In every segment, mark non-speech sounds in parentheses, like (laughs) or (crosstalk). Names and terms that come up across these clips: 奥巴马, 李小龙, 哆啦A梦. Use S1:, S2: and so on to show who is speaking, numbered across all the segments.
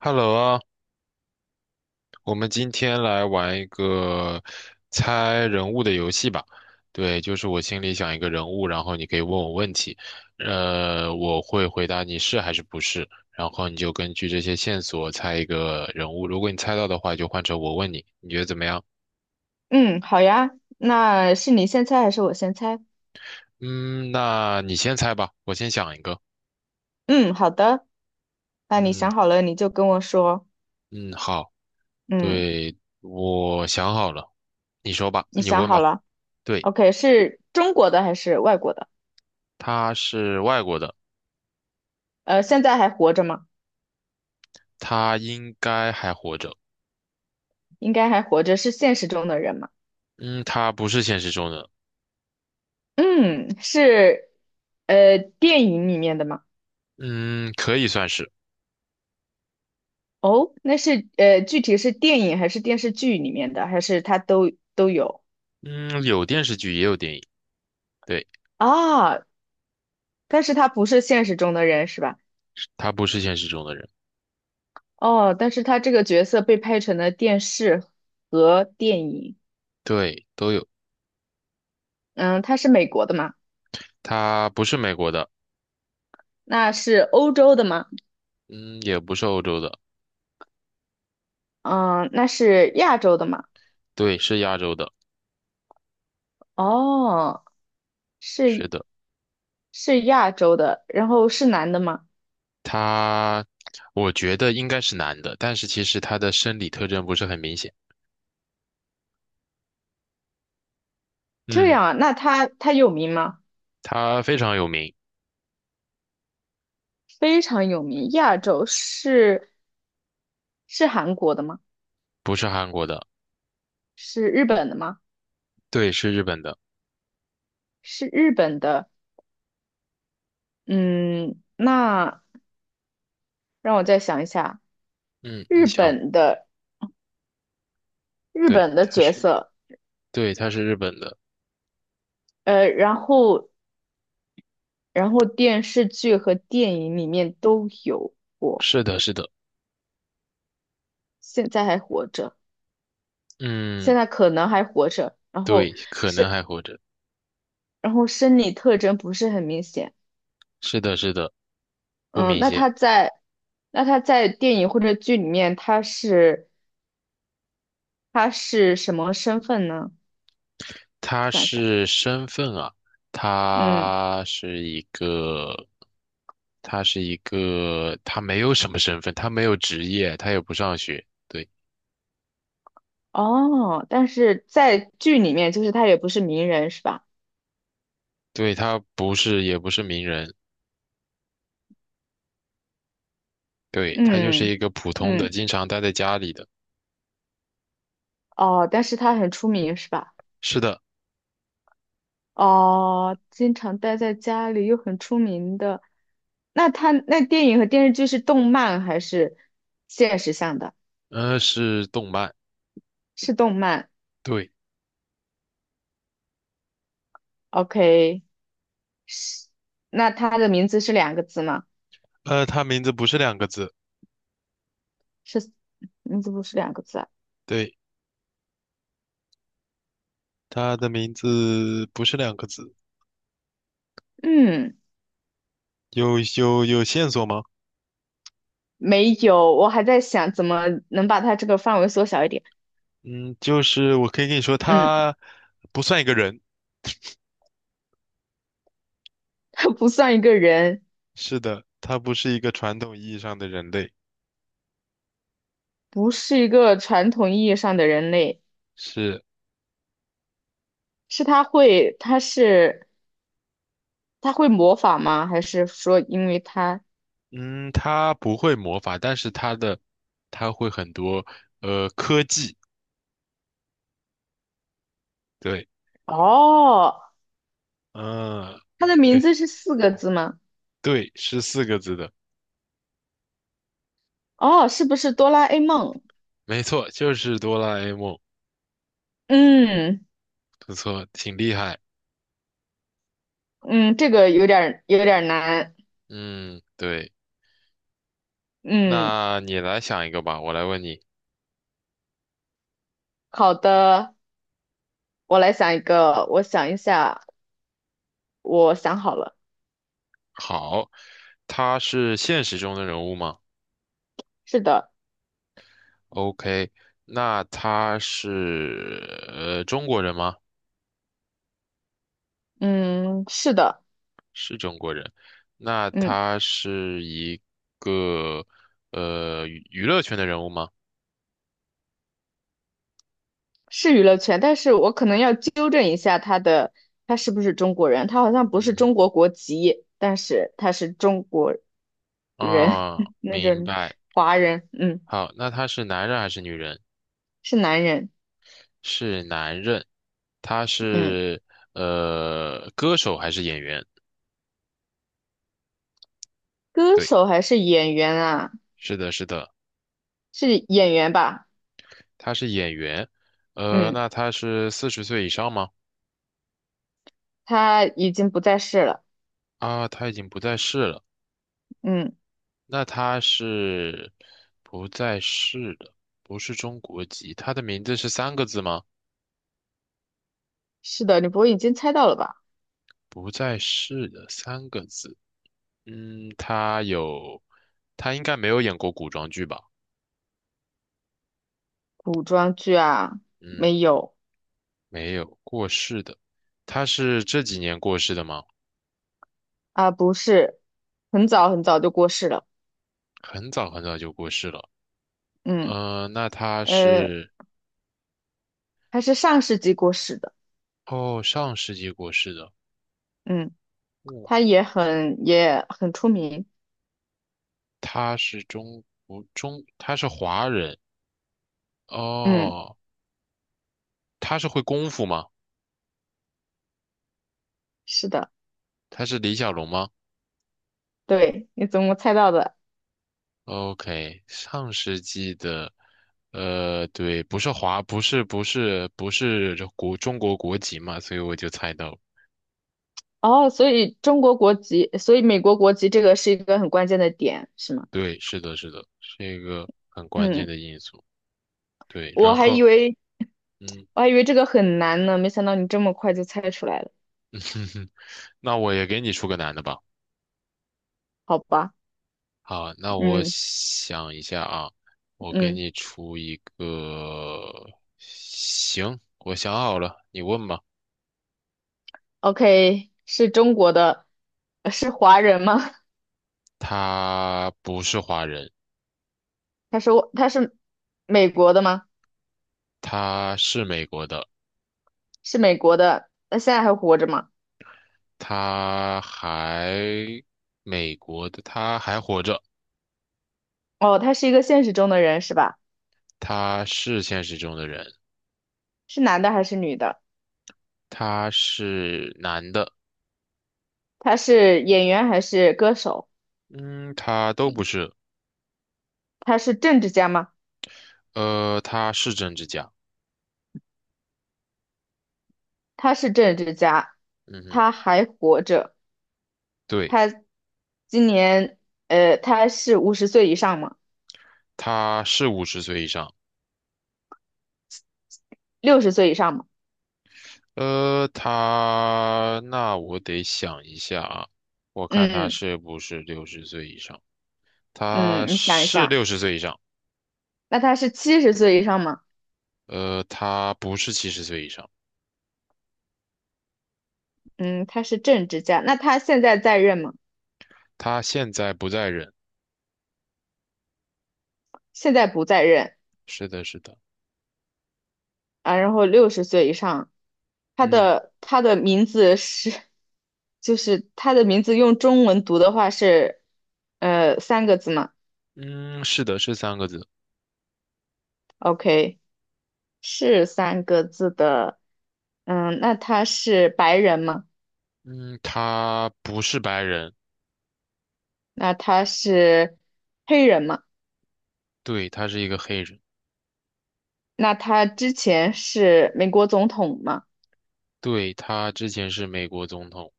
S1: Hello 啊，我们今天来玩一个猜人物的游戏吧。对，就是我心里想一个人物，然后你可以问我问题，我会回答你是还是不是，然后你就根据这些线索猜一个人物。如果你猜到的话，就换成我问你，你觉得怎么样？
S2: 嗯，好呀，那是你先猜还是我先猜？
S1: 嗯，那你先猜吧，我先想一个。
S2: 嗯，好的，那你
S1: 嗯
S2: 想好了你就跟我说。
S1: 嗯，好，
S2: 嗯，
S1: 对，我想好了，你说吧，
S2: 你
S1: 你
S2: 想
S1: 问
S2: 好
S1: 吧。
S2: 了
S1: 对，
S2: ？OK，是中国的还是外国的？
S1: 他是外国的，
S2: 现在还活着吗？
S1: 他应该还活着。
S2: 应该还活着，是现实中的人吗？
S1: 嗯，他不是现实中的，
S2: 嗯，是，电影里面的吗？
S1: 嗯，可以算是，
S2: 哦，那是具体是电影还是电视剧里面的，还是他都有
S1: 嗯，有电视剧也有电影，对，
S2: 啊？但是他不是现实中的人是吧？
S1: 他不是现实中的人，
S2: 哦，但是他这个角色被拍成了电视和电影。
S1: 对，都有，
S2: 嗯，他是美国的吗？
S1: 他不是美国的，
S2: 那是欧洲的吗？
S1: 嗯，也不是欧洲的，
S2: 嗯，那是亚洲的吗？
S1: 对，是亚洲的，
S2: 哦，
S1: 是
S2: 是
S1: 的，
S2: 是亚洲的，然后是男的吗？
S1: 他，我觉得应该是男的，但是其实他的生理特征不是很明显，
S2: 这
S1: 嗯，
S2: 样啊，那他有名吗？
S1: 他非常有名，
S2: 非常有名，亚洲是韩国的吗？
S1: 不是韩国的，
S2: 是日本的吗？
S1: 对，是日本的，
S2: 是日本的。嗯，那让我再想一下，
S1: 嗯，你
S2: 日
S1: 想，
S2: 本的日
S1: 对，
S2: 本的
S1: 他
S2: 角
S1: 是，
S2: 色。
S1: 对，他是日本的，
S2: 呃，然后然后电视剧和电影里面都有过，
S1: 是的，是的，
S2: 现在还活着，现
S1: 嗯，
S2: 在可能还活着，然后
S1: 对，可能
S2: 是，
S1: 还活着。
S2: 然后生理特征不是很明显。
S1: 是的，是的，不
S2: 嗯，
S1: 明
S2: 那
S1: 显。
S2: 他在，那他在电影或者剧里面，他是什么身份呢？
S1: 他
S2: 想想，
S1: 是身份啊，
S2: 嗯，
S1: 他是一个，他是一个，他没有什么身份，他没有职业，他也不上学，对，
S2: 哦，但是在剧里面，就是他也不是名人，是吧？
S1: 对，他不是，也不是名人，对，他就是
S2: 嗯
S1: 一个普通的，
S2: 嗯，
S1: 经常待在家里的。
S2: 哦，但是他很出名，是吧？
S1: 是的，
S2: 哦，经常待在家里又很出名的，那他那电影和电视剧是动漫还是现实向的？
S1: 是动漫，
S2: 是动漫
S1: 对，
S2: ，OK，是，那他的名字是两个字吗？
S1: 他名字不是两个字，
S2: 是，名字不是两个字啊。
S1: 对，他的名字不是两个字，
S2: 嗯，
S1: 有线索吗？
S2: 没有，我还在想怎么能把他这个范围缩小一点。
S1: 嗯，就是我可以跟你说，
S2: 嗯，
S1: 他不算一个人，
S2: 他不算一个人，
S1: 是的，他不是一个传统意义上的人类，
S2: 不是一个传统意义上的人类。
S1: 是，
S2: 是他会，他是他会模仿吗？还是说因为他？
S1: 嗯，他不会魔法，但是他的他会很多科技，对，
S2: 哦，
S1: 嗯，
S2: 他的名
S1: 对，
S2: 字是四个字吗？
S1: 对，是四个字的，
S2: 哦，是不是哆啦 A 梦？
S1: 没错，就是哆啦 A 梦，
S2: 嗯
S1: 不错，挺厉害，
S2: 嗯，这个有点儿难。
S1: 嗯，对，
S2: 嗯，
S1: 那你来想一个吧，我来问你，
S2: 好的，我来想一个，我想一下，我想好了。
S1: 好，他是现实中的人物吗？
S2: 是的，
S1: OK，那他是中国人吗？
S2: 嗯，是的，
S1: 是中国人。那
S2: 嗯，
S1: 他是一个呃娱娱乐圈的人物吗？
S2: 是娱乐圈，但是我可能要纠正一下他的，他是不是中国人？他好像不是中
S1: 嗯
S2: 国国籍，但是他是中国人，
S1: 嗯啊，
S2: (laughs) 那就
S1: 明
S2: 是
S1: 白。
S2: 华人，嗯，
S1: 好，那他是男人还是女人？
S2: 是男人，
S1: 是男人。他
S2: 嗯。
S1: 是歌手还是演员？
S2: 歌
S1: 对，
S2: 手还是演员啊？
S1: 是的，是的，
S2: 是演员吧？
S1: 他是演员。
S2: 嗯，
S1: 那他是四十岁以上吗？
S2: 他已经不在世了。
S1: 啊，他已经不在世了。
S2: 嗯，
S1: 那他是不在世的，不是中国籍。他的名字是三个字吗？
S2: 是的，你不会已经猜到了吧？
S1: 不在世的三个字。嗯，他有，他应该没有演过古装剧吧？
S2: 古装剧啊，
S1: 嗯，
S2: 没有
S1: 没有，过世的。他是这几年过世的吗？
S2: 啊，不是，很早很早就过世了。
S1: 很早很早就过世了。
S2: 嗯，
S1: 嗯，那他
S2: 呃，
S1: 是，
S2: 他是上世纪过世的。
S1: 哦，上世纪过世的。
S2: 嗯，
S1: 哦，
S2: 他也很出名。
S1: 他是中国中，他是华人。
S2: 嗯，
S1: 哦，他是会功夫吗？
S2: 是的，
S1: 他是李小龙吗
S2: 对，你怎么猜到的？
S1: ？OK，上世纪的，呃，对，不是华，不是中国国籍嘛，所以我就猜到了
S2: 哦，所以中国国籍，所以美国国籍这个是一个很关键的点，是吗？
S1: 对，是的，是的，是一个很关键
S2: 嗯，
S1: 的因素。对，
S2: 我
S1: 然
S2: 还
S1: 后，
S2: 以为。
S1: 嗯，
S2: 我还以为这个很难呢，没想到你这么快就猜出来了。
S1: (laughs) 那我也给你出个难的吧。
S2: 好吧，
S1: 好，那我
S2: 嗯
S1: 想一下啊，我给
S2: 嗯
S1: 你出一个，行，我想好了，你问吧。
S2: ，OK，是中国的，是华人吗？
S1: 他不是华人，
S2: (laughs) 他说他是美国的吗？
S1: 他是美国的。
S2: 是美国的，那现在还活着吗？
S1: 他还美国的，他还活着，
S2: 哦，他是一个现实中的人是吧？
S1: 他是现实中的人，
S2: 是男的还是女的？
S1: 他是男的，
S2: 他是演员还是歌手？
S1: 嗯，他都不是，
S2: 他是政治家吗？
S1: 他是政治家，
S2: 他是政治家，
S1: 嗯哼，
S2: 他还活着。
S1: 对，
S2: 他今年他是50岁以上吗？
S1: 他是五十岁以上，
S2: 六十岁以上吗？
S1: 他那我得想一下啊，我看他
S2: 嗯。
S1: 是不是六十岁以上，他
S2: 嗯，你想一
S1: 是
S2: 下，
S1: 六十岁以上，
S2: 那他是70岁以上吗？
S1: 他不是七十岁以上，
S2: 嗯，他是政治家，那他现在在任吗？
S1: 他现在不在人，
S2: 现在不在任
S1: 是的，是的，
S2: 啊。然后六十岁以上，他
S1: 嗯。
S2: 的他的名字是，就是他的名字用中文读的话是，三个字吗
S1: 嗯，是的，是三个字。
S2: ？OK，是三个字的。嗯，那他是白人吗？
S1: 嗯，他不是白人，
S2: 那他是黑人吗？
S1: 对，他是一个黑人，
S2: 那他之前是美国总统吗？
S1: 对，他之前是美国总统。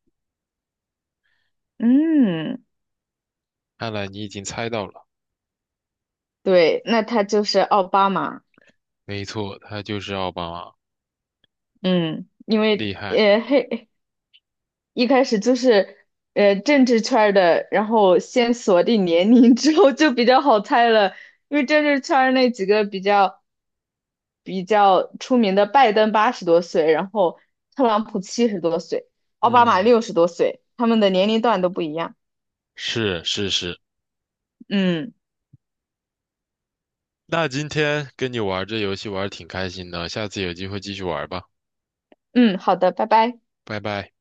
S2: 嗯。
S1: 看来你已经猜到了，
S2: 对，那他就是奥巴马，
S1: 没错，他就是奥巴马，
S2: 嗯，因为
S1: 厉害。
S2: 黑 (laughs) 一开始就是政治圈儿的，然后先锁定年龄之后就比较好猜了，因为政治圈儿那几个比较出名的，拜登80多岁，然后特朗普70多岁，奥巴马
S1: 嗯，
S2: 60多岁，他们的年龄段都不一样。
S1: 是是是。
S2: 嗯
S1: 那今天跟你玩这游戏玩得挺开心的，下次有机会继续玩吧，
S2: 嗯，好的，拜拜。
S1: 拜拜。